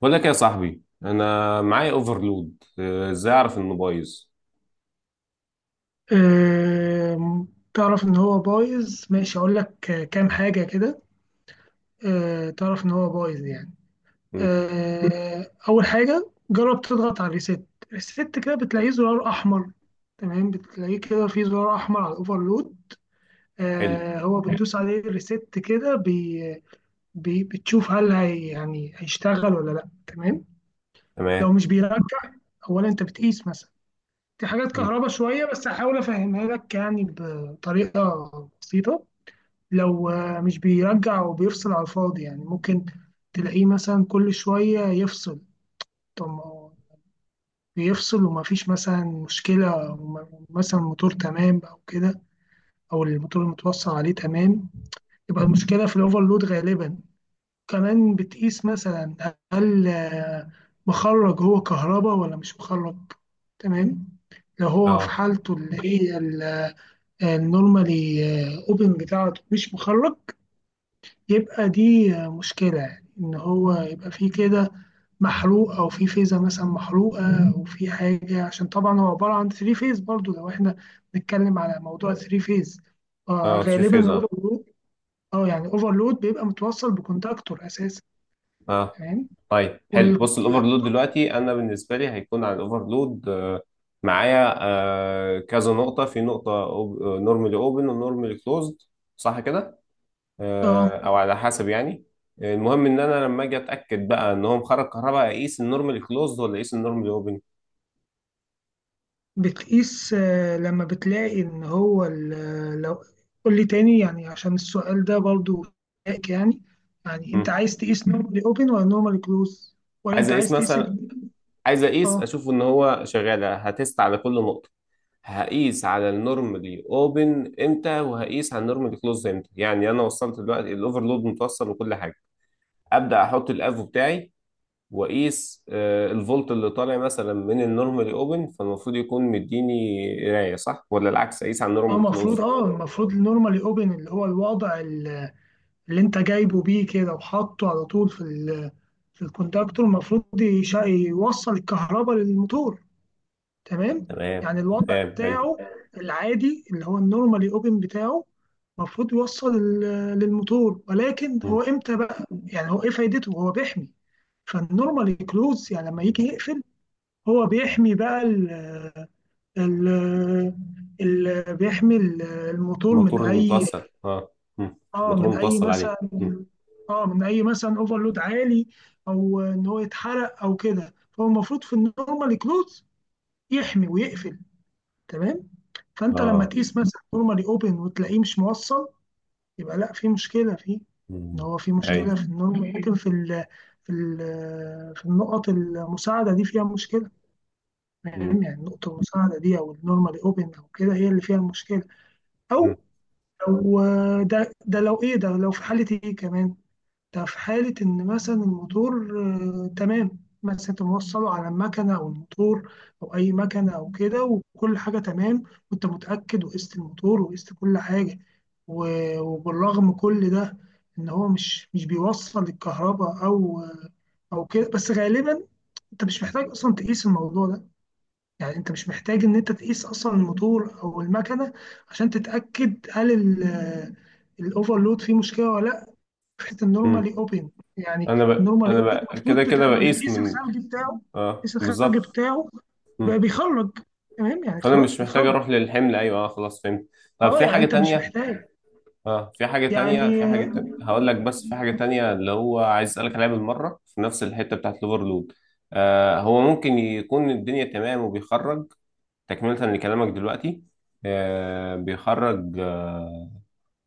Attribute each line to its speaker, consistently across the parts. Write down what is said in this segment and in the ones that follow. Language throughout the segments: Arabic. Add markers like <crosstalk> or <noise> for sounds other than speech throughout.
Speaker 1: بقول لك يا صاحبي، انا معايا اوفرلود. ازاي اعرف انه بايظ؟
Speaker 2: آم، تعرف إن هو بايظ ماشي أقول لك كام حاجة كده. تعرف إن هو بايظ يعني.
Speaker 1: مم.
Speaker 2: أول حاجة جرب تضغط على الريست كده، بتلاقيه زرار أحمر. تمام، بتلاقيه كده فيه زرار أحمر على الأوفرلود.
Speaker 1: حلو.
Speaker 2: هو بتدوس عليه الريست كده، بي بي بتشوف هل هي يعني هيشتغل ولا لأ. تمام.
Speaker 1: تمام.
Speaker 2: لو مش بيرجع، أولا أنت بتقيس مثلا، دي حاجات
Speaker 1: مم.
Speaker 2: كهرباء شوية بس هحاول أفهمها لك يعني بطريقة بسيطة. لو مش بيرجع وبيفصل على الفاضي، يعني ممكن تلاقيه مثلا كل شوية يفصل. طب ما هو بيفصل ومفيش مثلا مشكلة، مثلا الموتور تمام أو كده، أو الموتور المتوصل عليه تمام، يبقى المشكلة في الأوفرلود غالبا. كمان بتقيس مثلا هل مخرج هو كهرباء ولا مش مخرج. تمام. لو هو في
Speaker 1: اه.
Speaker 2: حالته اللي هي النورمالي اوبن بتاعته مش مخرج، يبقى دي مشكلة، يعني إن هو يبقى في كده محروق، أو في فيزة مثلا محروقة، أو في حاجة. عشان طبعا هو عبارة عن ثري فيز، برضو لو إحنا بنتكلم على موضوع ثري فيز. آه،
Speaker 1: اه، سويتش
Speaker 2: غالبا
Speaker 1: فيز، اه.
Speaker 2: الأوفرلود، أه يعني أوفرلود بيبقى متوصل بكونتاكتور أساسا.
Speaker 1: اه.
Speaker 2: تمام،
Speaker 1: طيب حلو، بص. الاوفرلود
Speaker 2: والكونتاكتور
Speaker 1: دلوقتي انا بالنسبه لي هيكون على الاوفرلود. معايا كذا نقطه في نقطه، نورمالي اوبن ونورمالي كلوزد، صح كده؟ آه، او على حسب يعني. المهم ان انا لما اجي اتاكد بقى ان هو مخرج كهرباء، اقيس النورمالي كلوزد ولا اقيس النورمالي اوبن؟
Speaker 2: بتقيس. لما بتلاقي ان هو لو، قول لي تاني يعني، عشان السؤال ده برضو شائك يعني. يعني انت عايز تقيس نورمالي اوبن ولا نورمالي كلوز، ولا
Speaker 1: عايز
Speaker 2: انت
Speaker 1: اقيس
Speaker 2: عايز تقيس
Speaker 1: مثلا، عايز اقيس
Speaker 2: اه.
Speaker 1: اشوف ان هو شغال، هتست على كل نقطه. هقيس على النورمالي اوبن امتى وهقيس على النورمالي كلوز امتى؟ يعني انا وصلت دلوقتي، الاوفرلود متوصل وكل حاجه. ابدا احط الافو بتاعي واقيس الفولت اللي طالع مثلا من النورمالي اوبن، فالمفروض يكون مديني قرايه، صح، ولا العكس اقيس على
Speaker 2: اه
Speaker 1: النورمالي
Speaker 2: المفروض
Speaker 1: كلوز؟
Speaker 2: اه المفروض النورمالي اوبن اللي هو الوضع اللي انت جايبه بيه كده وحاطه على طول في في الكونتاكتور، المفروض يوصل الكهرباء للموتور. تمام.
Speaker 1: تمام.
Speaker 2: يعني الوضع
Speaker 1: تمام حلو.
Speaker 2: بتاعه العادي اللي هو النورمالي اوبن بتاعه، المفروض يوصل للموتور. ولكن هو
Speaker 1: مم.
Speaker 2: امتى بقى؟ يعني هو ايه فايدته؟ هو بيحمي. فالنورمالي كلوز يعني لما يجي يقفل، هو بيحمي بقى ال ال بيحمي الموتور من
Speaker 1: الموتور
Speaker 2: اي،
Speaker 1: المتوصل، اه. مم.
Speaker 2: اه
Speaker 1: الموتور
Speaker 2: من اي
Speaker 1: المتوصل عليه.
Speaker 2: مثلا،
Speaker 1: مم.
Speaker 2: اه من اي مثلا اوفرلود عالي، او ان هو يتحرق او كده. فهو المفروض في النورمالي كلوز يحمي ويقفل. تمام. فانت لما
Speaker 1: اه.
Speaker 2: تقيس مثلا نورمالي اوبن وتلاقيه مش موصل، يبقى لا، في مشكله فيه. ان
Speaker 1: مم.
Speaker 2: هو في مشكله
Speaker 1: ايوه.
Speaker 2: في النورمال، ممكن في ال في ال في النقط المساعده دي فيها مشكله.
Speaker 1: مم.
Speaker 2: فاهم يعني النقطه المساعده دي او النورمالي اوبن او كده هي اللي فيها المشكله.
Speaker 1: مم.
Speaker 2: او لو، ده لو في حاله ايه كمان. ده في حالة إن مثلا الموتور، تمام، مثلا أنت موصله على المكنة أو الموتور أو أي مكنة أو كده، وكل حاجة تمام، وأنت متأكد وقست الموتور وقست كل حاجة، وبالرغم كل ده إن هو مش بيوصل الكهرباء أو أو كده. بس غالبا أنت مش محتاج أصلا تقيس الموضوع ده. يعني أنت مش محتاج إن أنت تقيس أصلا الموتور أو المكنة عشان تتأكد هل الأوفرلود فيه مشكلة ولا لأ. فكره
Speaker 1: مم.
Speaker 2: النورمالي اوبن يعني، النورمالي اوبن
Speaker 1: كده
Speaker 2: المفروض
Speaker 1: كده
Speaker 2: لما
Speaker 1: بقيس
Speaker 2: بتقيس
Speaker 1: من.
Speaker 2: الخرج بتاعه،
Speaker 1: اه،
Speaker 2: تقيس الخرج
Speaker 1: بالظبط.
Speaker 2: بتاعه بقى
Speaker 1: مم.
Speaker 2: بيخرج. تمام، يعني
Speaker 1: فانا
Speaker 2: خلاص
Speaker 1: مش محتاج
Speaker 2: بيخرج.
Speaker 1: اروح للحمل. ايوه، اه، خلاص فهمت. طب
Speaker 2: اه،
Speaker 1: في
Speaker 2: يعني
Speaker 1: حاجه
Speaker 2: انت مش
Speaker 1: تانية؟
Speaker 2: محتاج.
Speaker 1: اه، في حاجه تانية،
Speaker 2: يعني
Speaker 1: هقول لك. بس في حاجه تانية اللي هو عايز اسالك عليها بالمره، في نفس الحته بتاعت الاوفرلود. آه، هو ممكن يكون الدنيا تمام وبيخرج، تكمله لكلامك دلوقتي. بيخرج، آه،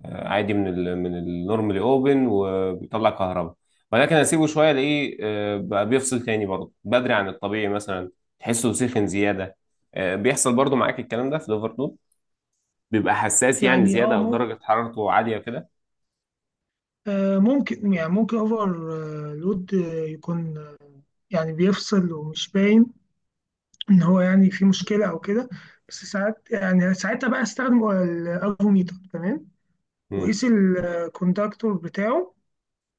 Speaker 1: آه، عادي من من النورمالي اوبن وبيطلع كهرباء، ولكن اسيبه شويه، الاقيه بقى بيفصل تاني برضه بدري عن الطبيعي مثلا، تحسه سخن زياده. بيحصل برضه معاك الكلام ده في الاوفرلود، بيبقى حساس يعني
Speaker 2: يعني
Speaker 1: زياده
Speaker 2: اه
Speaker 1: او
Speaker 2: ممكن،
Speaker 1: درجه حرارته عاليه كده.
Speaker 2: ممكن، يعني ممكن اوفر لود يكون يعني بيفصل ومش باين ان هو يعني في مشكله او كده. بس ساعات يعني، ساعتها بقى استخدم الافوميتر، تمام،
Speaker 1: امم.
Speaker 2: وقيس الكوندكتور بتاعه.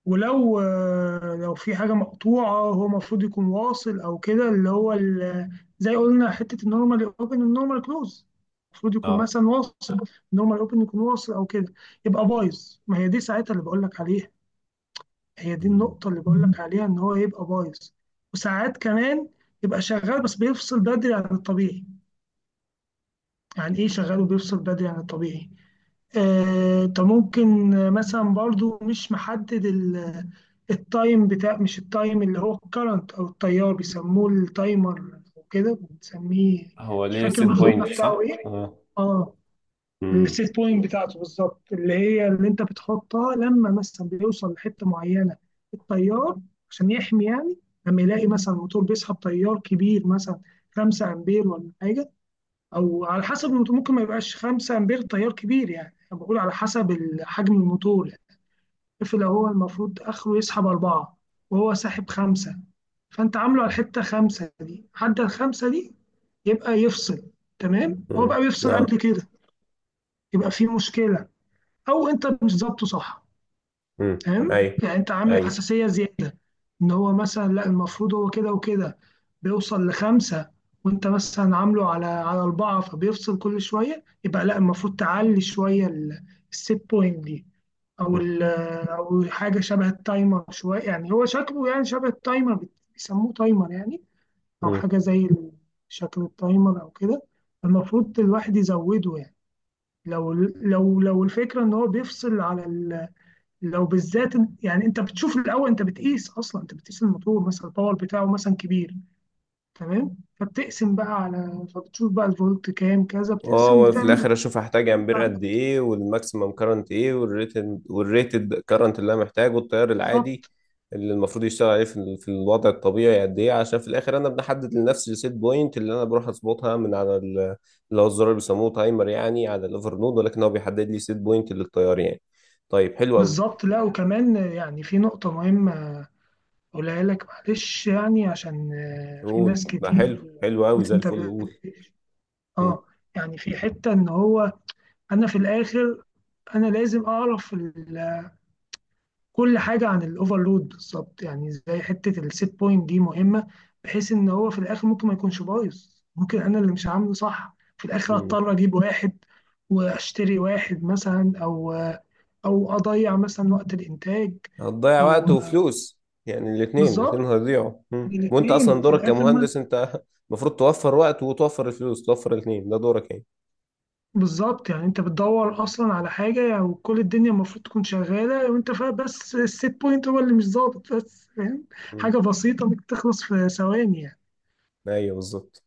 Speaker 2: ولو لو في حاجة مقطوعة، هو المفروض يكون واصل أو كده، اللي هو زي قلنا حتة النورمال أوبن النورمال كلوز، المفروض يكون
Speaker 1: اه.
Speaker 2: مثلا واصل، النورمال أوبن يكون واصل أو كده، يبقى بايظ. ما هي دي ساعتها اللي بقول لك عليها، هي دي
Speaker 1: مم.
Speaker 2: النقطة اللي بقول لك عليها إن هو يبقى بايظ. وساعات كمان يبقى شغال بس بيفصل بدري عن الطبيعي. يعني إيه شغال وبيفصل بدري عن الطبيعي؟ انت ممكن مثلا برضو مش محدد التايم بتاع، مش التايم، اللي هو الكرنت او التيار، بيسموه التايمر او كده بنسميه،
Speaker 1: هو
Speaker 2: مش
Speaker 1: ليه
Speaker 2: فاكر
Speaker 1: سيت بوينت،
Speaker 2: المسمى بتاعه
Speaker 1: صح؟
Speaker 2: ايه.
Speaker 1: اه.
Speaker 2: اه،
Speaker 1: امم.
Speaker 2: السيت بوينت بتاعته بالظبط، اللي هي اللي انت بتحطها لما مثلا بيوصل لحته معينه التيار عشان يحمي يعني. لما يلاقي مثلا الموتور بيسحب تيار كبير مثلا 5 امبير ولا حاجه، او على حسب الموتور، ممكن ما يبقاش 5 امبير تيار كبير، يعني انا بقول على حسب حجم الموتور يعني. الطفل هو المفروض اخره يسحب أربعة، وهو ساحب خمسة. فانت عامله على الحتة خمسة دي، عدى الخمسة دي يبقى يفصل. تمام. هو
Speaker 1: امم.
Speaker 2: بقى بيفصل
Speaker 1: اه.
Speaker 2: قبل كده، يبقى في مشكلة، او انت مش ظابطه صح.
Speaker 1: امم.
Speaker 2: فاهم
Speaker 1: ايوه.
Speaker 2: يعني؟ انت عامل حساسيه زياده، ان هو مثلا لا، المفروض هو كده وكده بيوصل لخمسه، وانت مثلا عامله على على اربعه، فبيفصل كل شويه. يبقى لا، المفروض تعلي شويه الست بوينت دي، او
Speaker 1: ايوه،
Speaker 2: او حاجه شبه التايمر شويه، يعني هو شكله يعني شبه التايمر، بيسموه تايمر يعني، او حاجه زي شكل التايمر او كده، المفروض الواحد يزوده يعني. لو الفكره ان هو بيفصل على، لو بالذات يعني انت بتشوف الاول، انت بتقيس اصلا، انت بتقيس الموتور مثلا الباور بتاعه مثلا كبير، تمام، فبتقسم بقى على، فبتشوف بقى الفولت كام كذا،
Speaker 1: اه،
Speaker 2: بتقسم
Speaker 1: وفي
Speaker 2: بتعمل.
Speaker 1: الاخر اشوف هحتاج امبير قد ايه، والماكسيمم كارنت ايه، والريتد، والريتد كارنت اللي انا محتاجه، التيار العادي
Speaker 2: بالظبط.
Speaker 1: اللي المفروض يشتغل عليه في، في الوضع الطبيعي قد ايه، عشان في الاخر انا بحدد لنفسي السيت بوينت اللي انا بروح اظبطها من على اللي هو الزرار اللي بيسموه تايمر يعني، على الاوفر نود، ولكن هو بيحدد لي سيت بوينت للتيار يعني. طيب حلو قوي.
Speaker 2: بالظبط. لا وكمان يعني في نقطة مهمة اقولها لك معلش، يعني عشان في
Speaker 1: قول
Speaker 2: ناس
Speaker 1: بقى،
Speaker 2: كتير،
Speaker 1: حلو حلو قوي
Speaker 2: قلت
Speaker 1: زي
Speaker 2: انت
Speaker 1: الفل،
Speaker 2: ب...
Speaker 1: قول. مم.
Speaker 2: اه، يعني في حتة ان هو، انا في الاخر انا لازم اعرف ال، كل حاجه عن الاوفرلود بالظبط، يعني زي حته السيت بوينت دي مهمه، بحيث ان هو في الاخر ممكن ما يكونش بايظ، ممكن انا اللي مش عامله صح، في الاخر
Speaker 1: مم.
Speaker 2: اضطر اجيب واحد، واشتري واحد مثلا، او او اضيع مثلا وقت الانتاج،
Speaker 1: هتضيع وقت
Speaker 2: او،
Speaker 1: وفلوس، يعني الاثنين الاثنين
Speaker 2: بالظبط
Speaker 1: هيضيعوا. مم. وانت
Speaker 2: الاثنين،
Speaker 1: اصلا
Speaker 2: وفي
Speaker 1: دورك
Speaker 2: الاخر ما،
Speaker 1: كمهندس انت <laughs> المفروض توفر وقت وتوفر الفلوس، توفر الاثنين، ده دورك يعني.
Speaker 2: بالظبط. يعني انت بتدور اصلا على حاجه يعني، وكل الدنيا المفروض تكون شغاله وانت فاهم، بس السيت بوينت هو اللي مش ظابط بس، فاهم؟
Speaker 1: مم.
Speaker 2: حاجه بسيطه ممكن تخلص في ثواني يعني.
Speaker 1: ايوه بالظبط.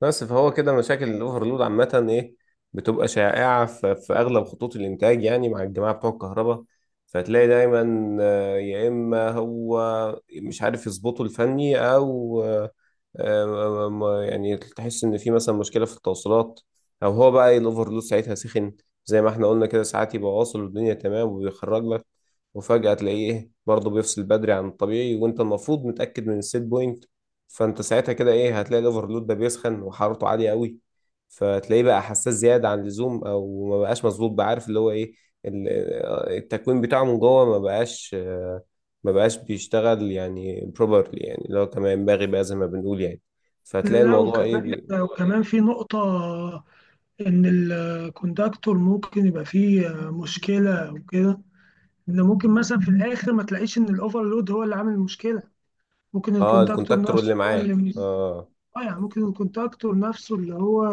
Speaker 1: بس فهو كده مشاكل الاوفرلود عامة ايه؟ بتبقى شائعة في، اغلب خطوط الانتاج، يعني مع الجماعة بتوع الكهرباء. فتلاقي دايما يا اما هو مش عارف يظبطه الفني، او يعني تحس ان في مثلا مشكلة في التوصيلات، او هو بقى الاوفرلود ساعتها سخن. زي ما احنا قلنا كده، ساعات يبقى واصل والدنيا تمام وبيخرج لك، وفجأة تلاقيه ايه، برضه بيفصل بدري عن الطبيعي، وانت المفروض متأكد من السيت بوينت. فانت ساعتها كده ايه، هتلاقي الاوفرلود ده بيسخن وحرارته عاليه قوي، فتلاقيه بقى حساس زياده عن اللزوم، او ما بقاش مظبوط بقى. عارف اللي هو ايه، ال- التكوين بتاعه من جوه ما بقاش، بيشتغل يعني بروبرلي، يعني اللي هو كما ينبغي بقى زي ما بنقول يعني. فهتلاقي
Speaker 2: لا،
Speaker 1: الموضوع ايه
Speaker 2: وكمان
Speaker 1: بي...
Speaker 2: في نقطة إن الكوندكتور ممكن يبقى فيه مشكلة وكده، إن ممكن مثلا في الآخر ما تلاقيش إن الأوفرلود هو اللي عامل المشكلة، ممكن
Speaker 1: اه،
Speaker 2: الكوندكتور
Speaker 1: الكونتاكتور اللي
Speaker 2: نفسه هو
Speaker 1: معاه.
Speaker 2: اللي،
Speaker 1: اه.
Speaker 2: آه يعني ممكن الكوندكتور نفسه اللي هو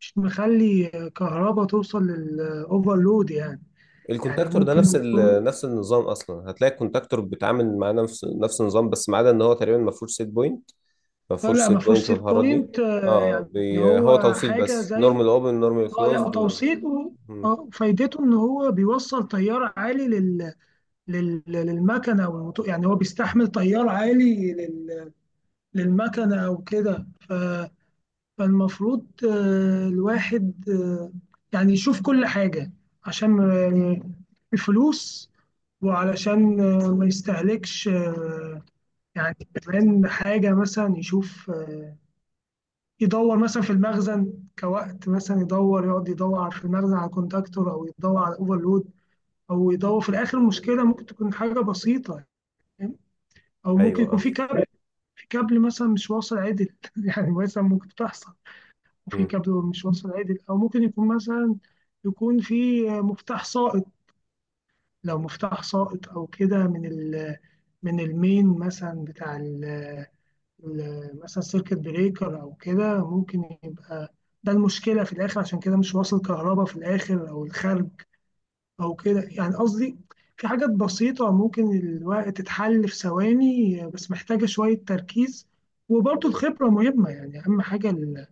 Speaker 2: مش مخلي كهرباء توصل للأوفرلود يعني. يعني
Speaker 1: الكونتاكتور ده نفس
Speaker 2: ممكن يكون،
Speaker 1: نفس النظام، اصلا هتلاقي الكونتاكتور بيتعامل مع نفس النظام، بس ما عدا ان هو تقريبا ما فيهوش سيت بوينت. ما
Speaker 2: لا
Speaker 1: فيهوش
Speaker 2: لا
Speaker 1: سيت
Speaker 2: ما فيهوش
Speaker 1: بوينت
Speaker 2: سيت
Speaker 1: والحوارات دي.
Speaker 2: بوينت.
Speaker 1: اه،
Speaker 2: يعني
Speaker 1: بي... هو
Speaker 2: هو
Speaker 1: توصيل
Speaker 2: حاجة
Speaker 1: بس،
Speaker 2: زي،
Speaker 1: نورمال اوبن، نورمال
Speaker 2: اه لا
Speaker 1: كلوزد و...
Speaker 2: توصيله،
Speaker 1: مم.
Speaker 2: اه فايدته ان هو بيوصل تيار عالي لل... لل... للمكنه يعني هو بيستحمل تيار عالي لل... للمكنه او كده، ف... فالمفروض الواحد يعني يشوف كل حاجه عشان الفلوس، وعلشان ما يستهلكش يعني كمان حاجه مثلا يشوف، يدور مثلا في المخزن، كوقت مثلا يدور يقعد يدور في المخزن على كونتاكتور او يدور على اوفرلود، او يدور في الاخر المشكله ممكن تكون حاجه بسيطه. فاهم؟ او ممكن
Speaker 1: ايوه.
Speaker 2: يكون
Speaker 1: اه.
Speaker 2: في كابل، في كابل مثلا مش واصل عدل <laughs> يعني مثلا ممكن تحصل، وفي
Speaker 1: مم.
Speaker 2: كابل مش واصل عدل، او ممكن يكون مثلا يكون في مفتاح سائط. لو مفتاح سائط او كده من ال، من المين مثلا بتاع ال، مثلا سيركت بريكر او كده، ممكن يبقى ده المشكله في الاخر عشان كده مش واصل كهرباء في الاخر او الخارج او كده يعني، قصدي في حاجات بسيطه ممكن الوقت تتحل في ثواني، بس محتاجه شويه تركيز. وبرضه الخبره مهمه، يعني اهم حاجه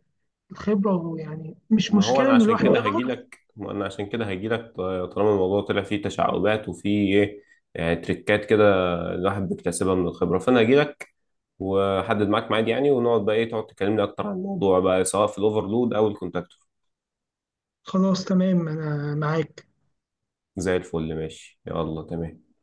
Speaker 2: الخبره يعني، مش
Speaker 1: ما هو
Speaker 2: مشكله
Speaker 1: انا
Speaker 2: ان
Speaker 1: عشان
Speaker 2: الواحد
Speaker 1: كده هجي
Speaker 2: يغلط.
Speaker 1: لك. ما انا عشان كده هجي لك طالما الموضوع طلع فيه تشعبات وفيه ايه، يعني تريكات كده الواحد بيكتسبها من الخبره، فانا هجي لك واحدد معاك ميعاد يعني، ونقعد بقى ايه، تقعد تكلمني اكتر عن الموضوع بقى، سواء في الاوفرلود او الكونتاكتور.
Speaker 2: خلاص تمام، انا معاك.
Speaker 1: زي الفل ماشي، يلا تمام.